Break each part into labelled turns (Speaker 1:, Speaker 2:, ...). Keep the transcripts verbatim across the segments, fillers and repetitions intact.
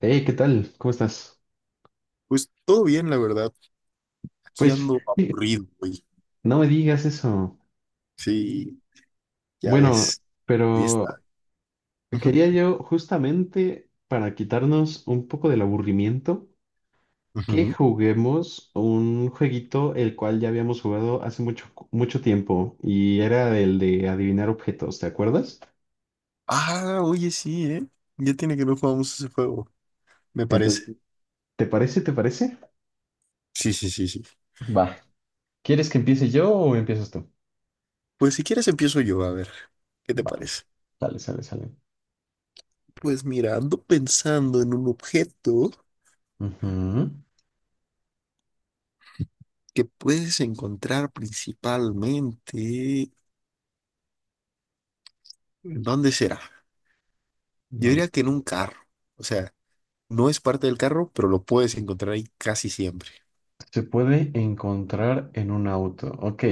Speaker 1: Hey, ¿qué tal? ¿Cómo estás?
Speaker 2: Pues todo bien, la verdad. Aquí
Speaker 1: Pues
Speaker 2: ando aburrido, güey.
Speaker 1: no me digas eso.
Speaker 2: Sí, ya
Speaker 1: Bueno,
Speaker 2: ves. Ahí
Speaker 1: pero
Speaker 2: está. Ujú,
Speaker 1: quería yo justamente para quitarnos un poco del aburrimiento que
Speaker 2: ujú.
Speaker 1: juguemos un jueguito el cual ya habíamos jugado hace mucho, mucho tiempo y era el de adivinar objetos, ¿te acuerdas?
Speaker 2: Ah, oye, sí, ¿eh? Ya tiene que no jugamos ese juego, me parece.
Speaker 1: Entonces, ¿te parece? ¿Te parece?
Speaker 2: Sí, sí, sí, sí.
Speaker 1: Va. ¿Quieres que empiece yo o empiezas tú?
Speaker 2: Pues si quieres empiezo yo, a ver, ¿qué te
Speaker 1: Va,
Speaker 2: parece?
Speaker 1: sale, sale, sale.
Speaker 2: Pues mira, ando pensando en un objeto que puedes encontrar principalmente. ¿Dónde será? Yo
Speaker 1: Ujú.
Speaker 2: diría que en un carro. O sea, no es parte del carro, pero lo puedes encontrar ahí casi siempre.
Speaker 1: Se puede encontrar en un auto. Ok,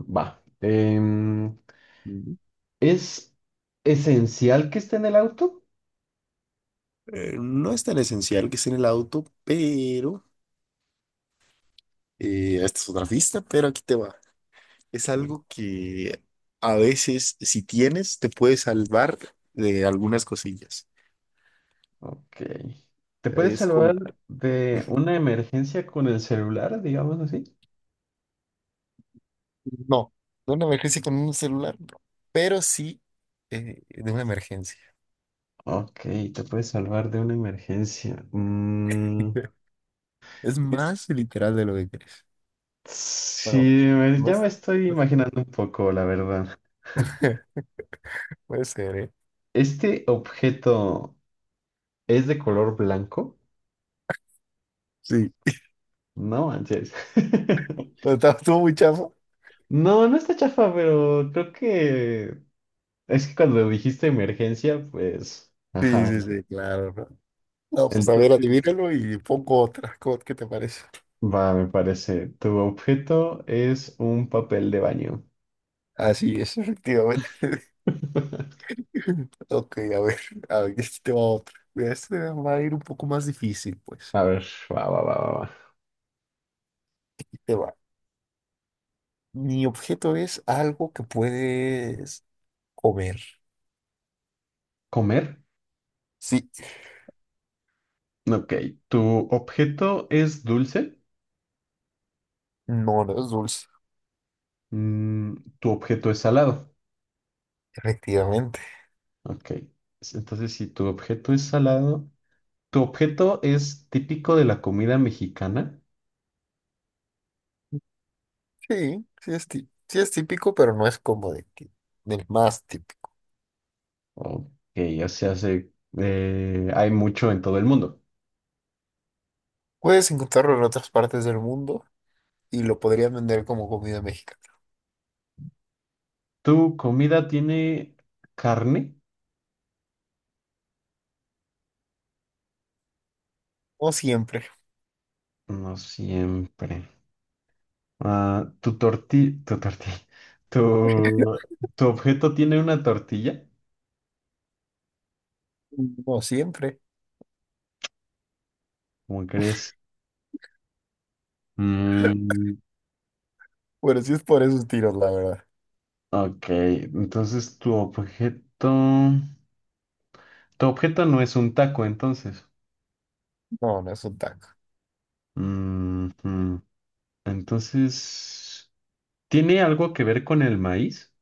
Speaker 1: va. Em, ¿es esencial que esté en el auto?
Speaker 2: Eh, no es tan esencial que esté en el auto, pero eh, esta es otra pista, pero aquí te va. Es algo que a veces, si tienes, te puede salvar de algunas cosillas.
Speaker 1: Ok. ¿Te puedes
Speaker 2: Es como,
Speaker 1: salvar de una emergencia con el celular, digamos así?
Speaker 2: no, de una emergencia con un celular, no, pero sí eh, de una emergencia.
Speaker 1: Ok, te puedes salvar de una emergencia. Mm,
Speaker 2: Es
Speaker 1: es-
Speaker 2: más literal de lo que crees.
Speaker 1: sí,
Speaker 2: Bueno,
Speaker 1: me-
Speaker 2: no
Speaker 1: ya me
Speaker 2: es,
Speaker 1: estoy imaginando un poco, la verdad.
Speaker 2: puede ser, ¿eh?
Speaker 1: ¿Este objeto es de color blanco?
Speaker 2: Sí.
Speaker 1: No manches.
Speaker 2: No, está- Estuvo muy chafa.
Speaker 1: No, no está chafa, pero creo que es que cuando dijiste emergencia, pues,
Speaker 2: Sí,
Speaker 1: ajá,
Speaker 2: sí,
Speaker 1: ¿no?
Speaker 2: sí, claro. No, pues a ver,
Speaker 1: Entonces,
Speaker 2: adivínalo y pongo otra. ¿Cómo- ¿Qué te parece?
Speaker 1: va, me parece. Tu objeto es un papel de baño.
Speaker 2: Así es, efectivamente. Ok, a ver, a ver, este te va otra. Mira, este va a ir un poco más difícil, pues.
Speaker 1: A ver, va, va, va, va, va.
Speaker 2: Ahí te va. Mi objeto es algo que puedes comer.
Speaker 1: ¿Comer?
Speaker 2: Sí,
Speaker 1: Ok. ¿Tu objeto es dulce?
Speaker 2: no, no es dulce,
Speaker 1: Mm, ¿tu objeto es salado?
Speaker 2: efectivamente.
Speaker 1: Ok. S- Entonces, si tu objeto es salado, ¿tu objeto es típico de la comida mexicana?
Speaker 2: Sí, sí es, tí- sí es típico, pero no es como de que- del más típico.
Speaker 1: Ok, o sea, se, eh, hay mucho en todo el mundo.
Speaker 2: Puedes encontrarlo en otras partes del mundo y lo podrías vender como comida mexicana.
Speaker 1: ¿Tu comida tiene carne?
Speaker 2: No siempre,
Speaker 1: No siempre. Ah, ¿tu torti, tu tortilla, tu, tu objeto tiene una tortilla?
Speaker 2: no siempre.
Speaker 1: ¿Cómo crees? Mm,
Speaker 2: Bueno, sí es por esos tiros, la verdad.
Speaker 1: ok, entonces tu objeto, tu objeto no es un taco, entonces.
Speaker 2: No, no es un taco.
Speaker 1: Mm, mm. Entonces, ¿tiene algo que ver con el maíz?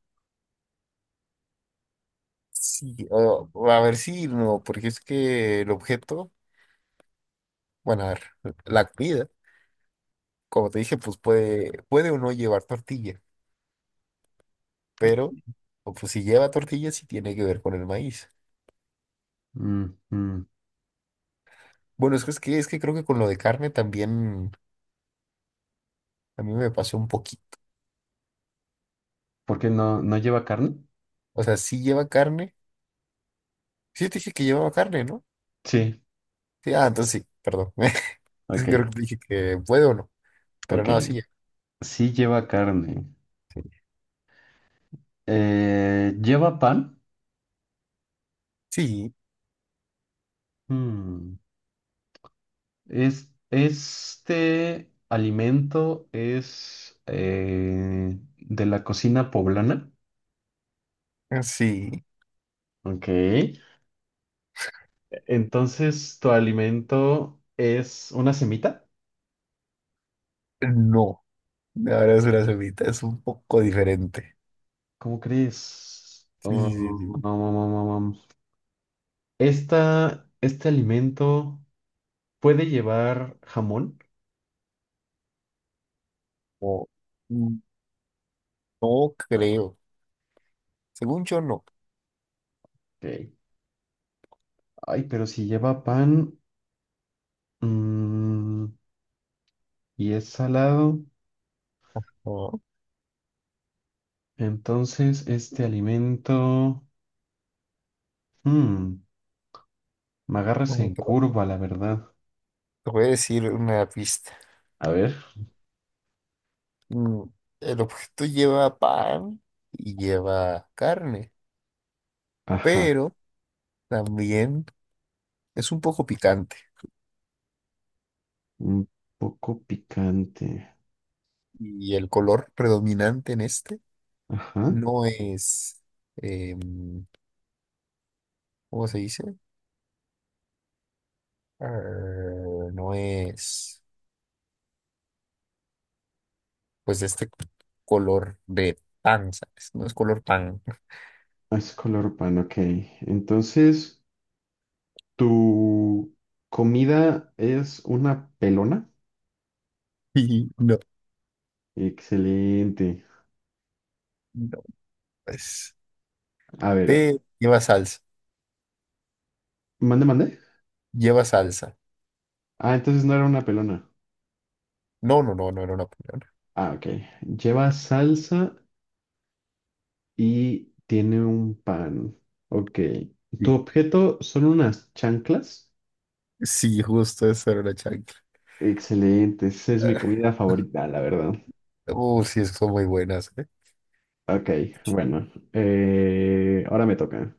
Speaker 2: Sí, o, o a ver si no, porque es que el objeto, bueno, a ver, la comida, como te dije, pues puede, puede o no llevar tortilla, pero o pues si lleva tortilla, sí tiene que ver con el maíz.
Speaker 1: Mm, mm.
Speaker 2: Bueno, es que, es que, es que creo que con lo de carne también a mí me pasó un poquito.
Speaker 1: ¿Por qué no, no lleva carne?
Speaker 2: O sea, sí lleva carne. Sí te dije que llevaba carne, ¿no?
Speaker 1: Sí,
Speaker 2: Sí, ah, entonces sí, perdón. Es que
Speaker 1: ok,
Speaker 2: creo que te dije que puede o no, pero
Speaker 1: ok.
Speaker 2: no, sí lleva.
Speaker 1: Sí lleva carne. Eh, ¿lleva pan?
Speaker 2: Sí,
Speaker 1: Hmm, es, este alimento es eh, de la cocina poblana.
Speaker 2: sí.
Speaker 1: Ok. e-, Entonces, ¿tu alimento es una semita?
Speaker 2: No, no, ahora es una semita, es un poco diferente.
Speaker 1: ¿Cómo crees?
Speaker 2: Sí,
Speaker 1: Oh,
Speaker 2: sí, sí, sí.
Speaker 1: no, no, no, no, no. Esta, este alimento puede llevar jamón.
Speaker 2: O- mm, no creo. Según yo, no.
Speaker 1: Ok. Ay, pero si lleva pan, mm, y es salado.
Speaker 2: No,
Speaker 1: Entonces, este alimento, mm, me agarras
Speaker 2: no,
Speaker 1: en
Speaker 2: te, voy
Speaker 1: curva, la verdad.
Speaker 2: te voy a decir una pista.
Speaker 1: A ver.
Speaker 2: Mm, El objeto lleva pan y lleva carne,
Speaker 1: Ajá,
Speaker 2: pero también es un poco picante.
Speaker 1: un poco picante.
Speaker 2: Y el color predominante en este
Speaker 1: Ajá,
Speaker 2: no es, em, ¿cómo se dice? Ah, no es, pues este color de pan, ¿sabes? No es color pan.
Speaker 1: es color pan, ok. Entonces, ¿tu comida es una pelona?
Speaker 2: Y no,
Speaker 1: Excelente.
Speaker 2: no, pues.
Speaker 1: A ver,
Speaker 2: Te lleva salsa,
Speaker 1: mande, mande.
Speaker 2: lleva salsa.
Speaker 1: Ah, entonces no era una pelona.
Speaker 2: No, no, no, no era una pulera.
Speaker 1: Ah, ok. Lleva salsa y tiene un pan. Ok. ¿Tu
Speaker 2: Sí,
Speaker 1: objeto son unas chanclas?
Speaker 2: sí, justo eso era una chancla.
Speaker 1: Excelente, esa es mi comida favorita, la verdad.
Speaker 2: Uh, sí, es que son muy buenas, ¿eh?
Speaker 1: Ok, bueno, eh, ahora me toca.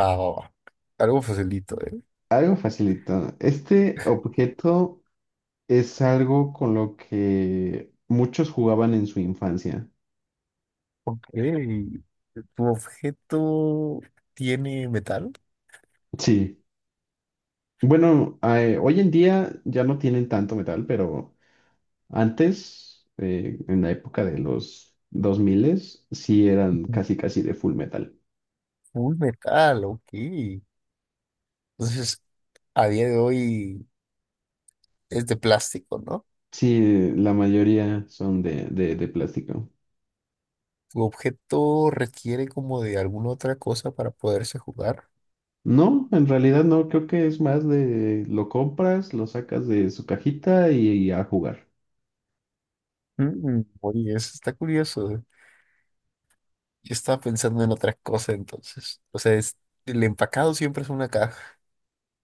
Speaker 2: Va, va, va. Algo facilito, ¿eh?
Speaker 1: Algo facilito. Este objeto es algo con lo que muchos jugaban en su infancia.
Speaker 2: Ok. ¿Tu objeto tiene metal?
Speaker 1: Sí. Bueno, eh, hoy en día ya no tienen tanto metal, pero antes, eh, en la época de los dos mil, sí eran casi casi de full metal.
Speaker 2: Full metal, ok. Entonces, a día de hoy es de plástico, ¿no?
Speaker 1: Sí, eh, la mayoría son de, de, de plástico.
Speaker 2: ¿Tu objeto requiere como de alguna otra cosa para poderse jugar?
Speaker 1: No, en realidad no, creo que es más de lo compras, lo sacas de su cajita y, y a jugar.
Speaker 2: Mm, oye, eso está curioso, ¿eh? Yo estaba pensando en otra cosa entonces. O sea, es- el empacado siempre es una caja.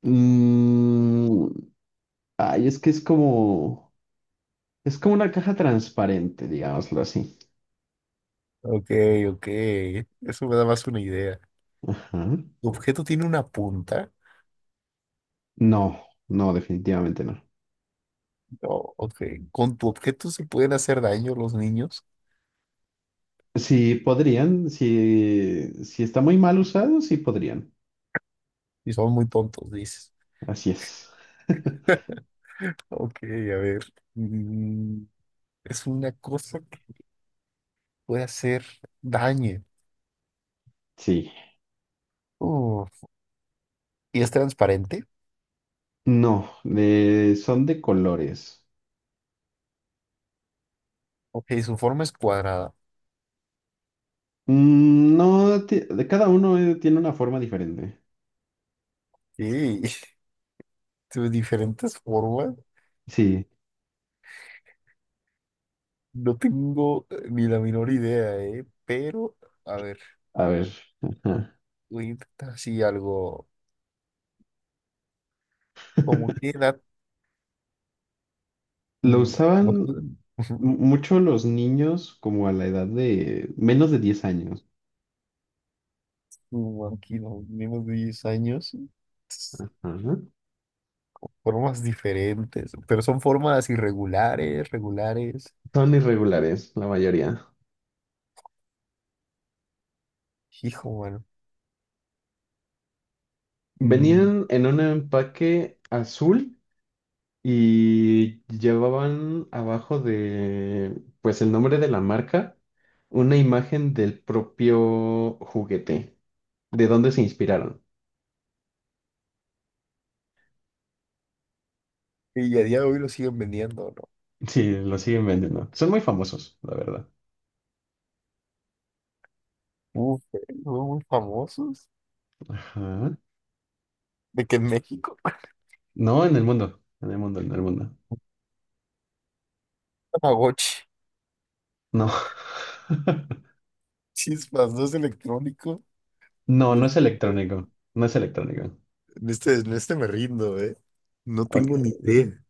Speaker 1: Mm, ay, es que es como, es como una caja transparente, digámoslo así.
Speaker 2: Ok, ok. Eso me da más una idea.
Speaker 1: Ajá.
Speaker 2: ¿Tu objeto tiene una punta?
Speaker 1: No, no, definitivamente no.
Speaker 2: No, ok. ¿Con tu objeto se pueden hacer daño los niños?
Speaker 1: Sí podrían, si, si está muy mal usado, sí podrían.
Speaker 2: Y son muy tontos, dices.
Speaker 1: Así es.
Speaker 2: Ok, a ver. Mm, es una cosa que puede hacer daño.
Speaker 1: Sí.
Speaker 2: Uf, ¿y es transparente?
Speaker 1: No, de- son de colores.
Speaker 2: Ok, su forma es cuadrada.
Speaker 1: Mm, no, ti- de cada uno eh, tiene una forma diferente.
Speaker 2: Sí, sus diferentes formas.
Speaker 1: Sí,
Speaker 2: No tengo eh, ni la menor idea, ¿eh? Pero, a ver,
Speaker 1: a ver, ajá.
Speaker 2: voy a intentar así algo. ¿Cómo qué edad?
Speaker 1: Lo
Speaker 2: Mm,
Speaker 1: usaban mu- mucho los niños como a la edad de menos de diez años.
Speaker 2: mm, aquí no, menos de diez años.
Speaker 1: Ajá.
Speaker 2: Formas diferentes, pero son formas irregulares, regulares.
Speaker 1: Son irregulares, la mayoría.
Speaker 2: Hijo, bueno. Mm,
Speaker 1: Venían en un empaque azul y llevaban abajo de, pues el nombre de la marca, una imagen del propio juguete, de dónde se inspiraron.
Speaker 2: y a día de hoy lo siguen vendiendo,
Speaker 1: Sí, lo siguen vendiendo. Son muy famosos, la verdad.
Speaker 2: ¿no? Uf, eh, son muy famosos.
Speaker 1: Ajá.
Speaker 2: De que en México,
Speaker 1: No, en el mundo, en el mundo, en el mundo.
Speaker 2: Tamagotchi.
Speaker 1: No.
Speaker 2: Chispas, no es electrónico.
Speaker 1: No,
Speaker 2: En
Speaker 1: no es
Speaker 2: este,
Speaker 1: electrónico, no es electrónico.
Speaker 2: en este, en este me rindo, ¿eh? No
Speaker 1: Ok.
Speaker 2: tengo ni idea.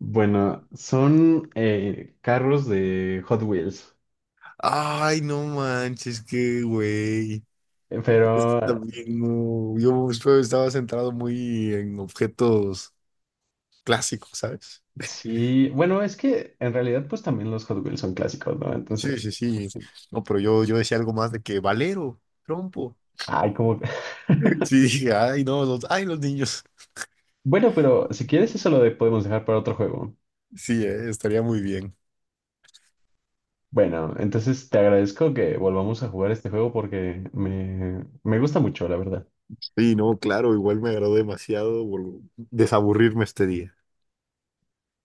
Speaker 1: Bueno, son eh, carros de Hot Wheels,
Speaker 2: Ay, no manches, qué güey. Es que
Speaker 1: pero
Speaker 2: también no. Yo estoy- estaba centrado muy en objetos clásicos, ¿sabes?
Speaker 1: sí, bueno, es que en realidad pues también los Hot Wheels son clásicos, ¿no?
Speaker 2: Sí,
Speaker 1: Entonces,
Speaker 2: sí, sí. No, pero yo, yo decía algo más de que Valero, trompo.
Speaker 1: ay, como... que-
Speaker 2: Sí, dije, ay, no, los, ay, los niños.
Speaker 1: Bueno, pero si quieres eso lo de- podemos dejar para otro juego.
Speaker 2: Sí, eh, estaría muy bien.
Speaker 1: Bueno, entonces te agradezco que volvamos a jugar este juego porque me, me gusta mucho, la verdad.
Speaker 2: Sí, no, claro, igual me agradó demasiado vol- desaburrirme este día.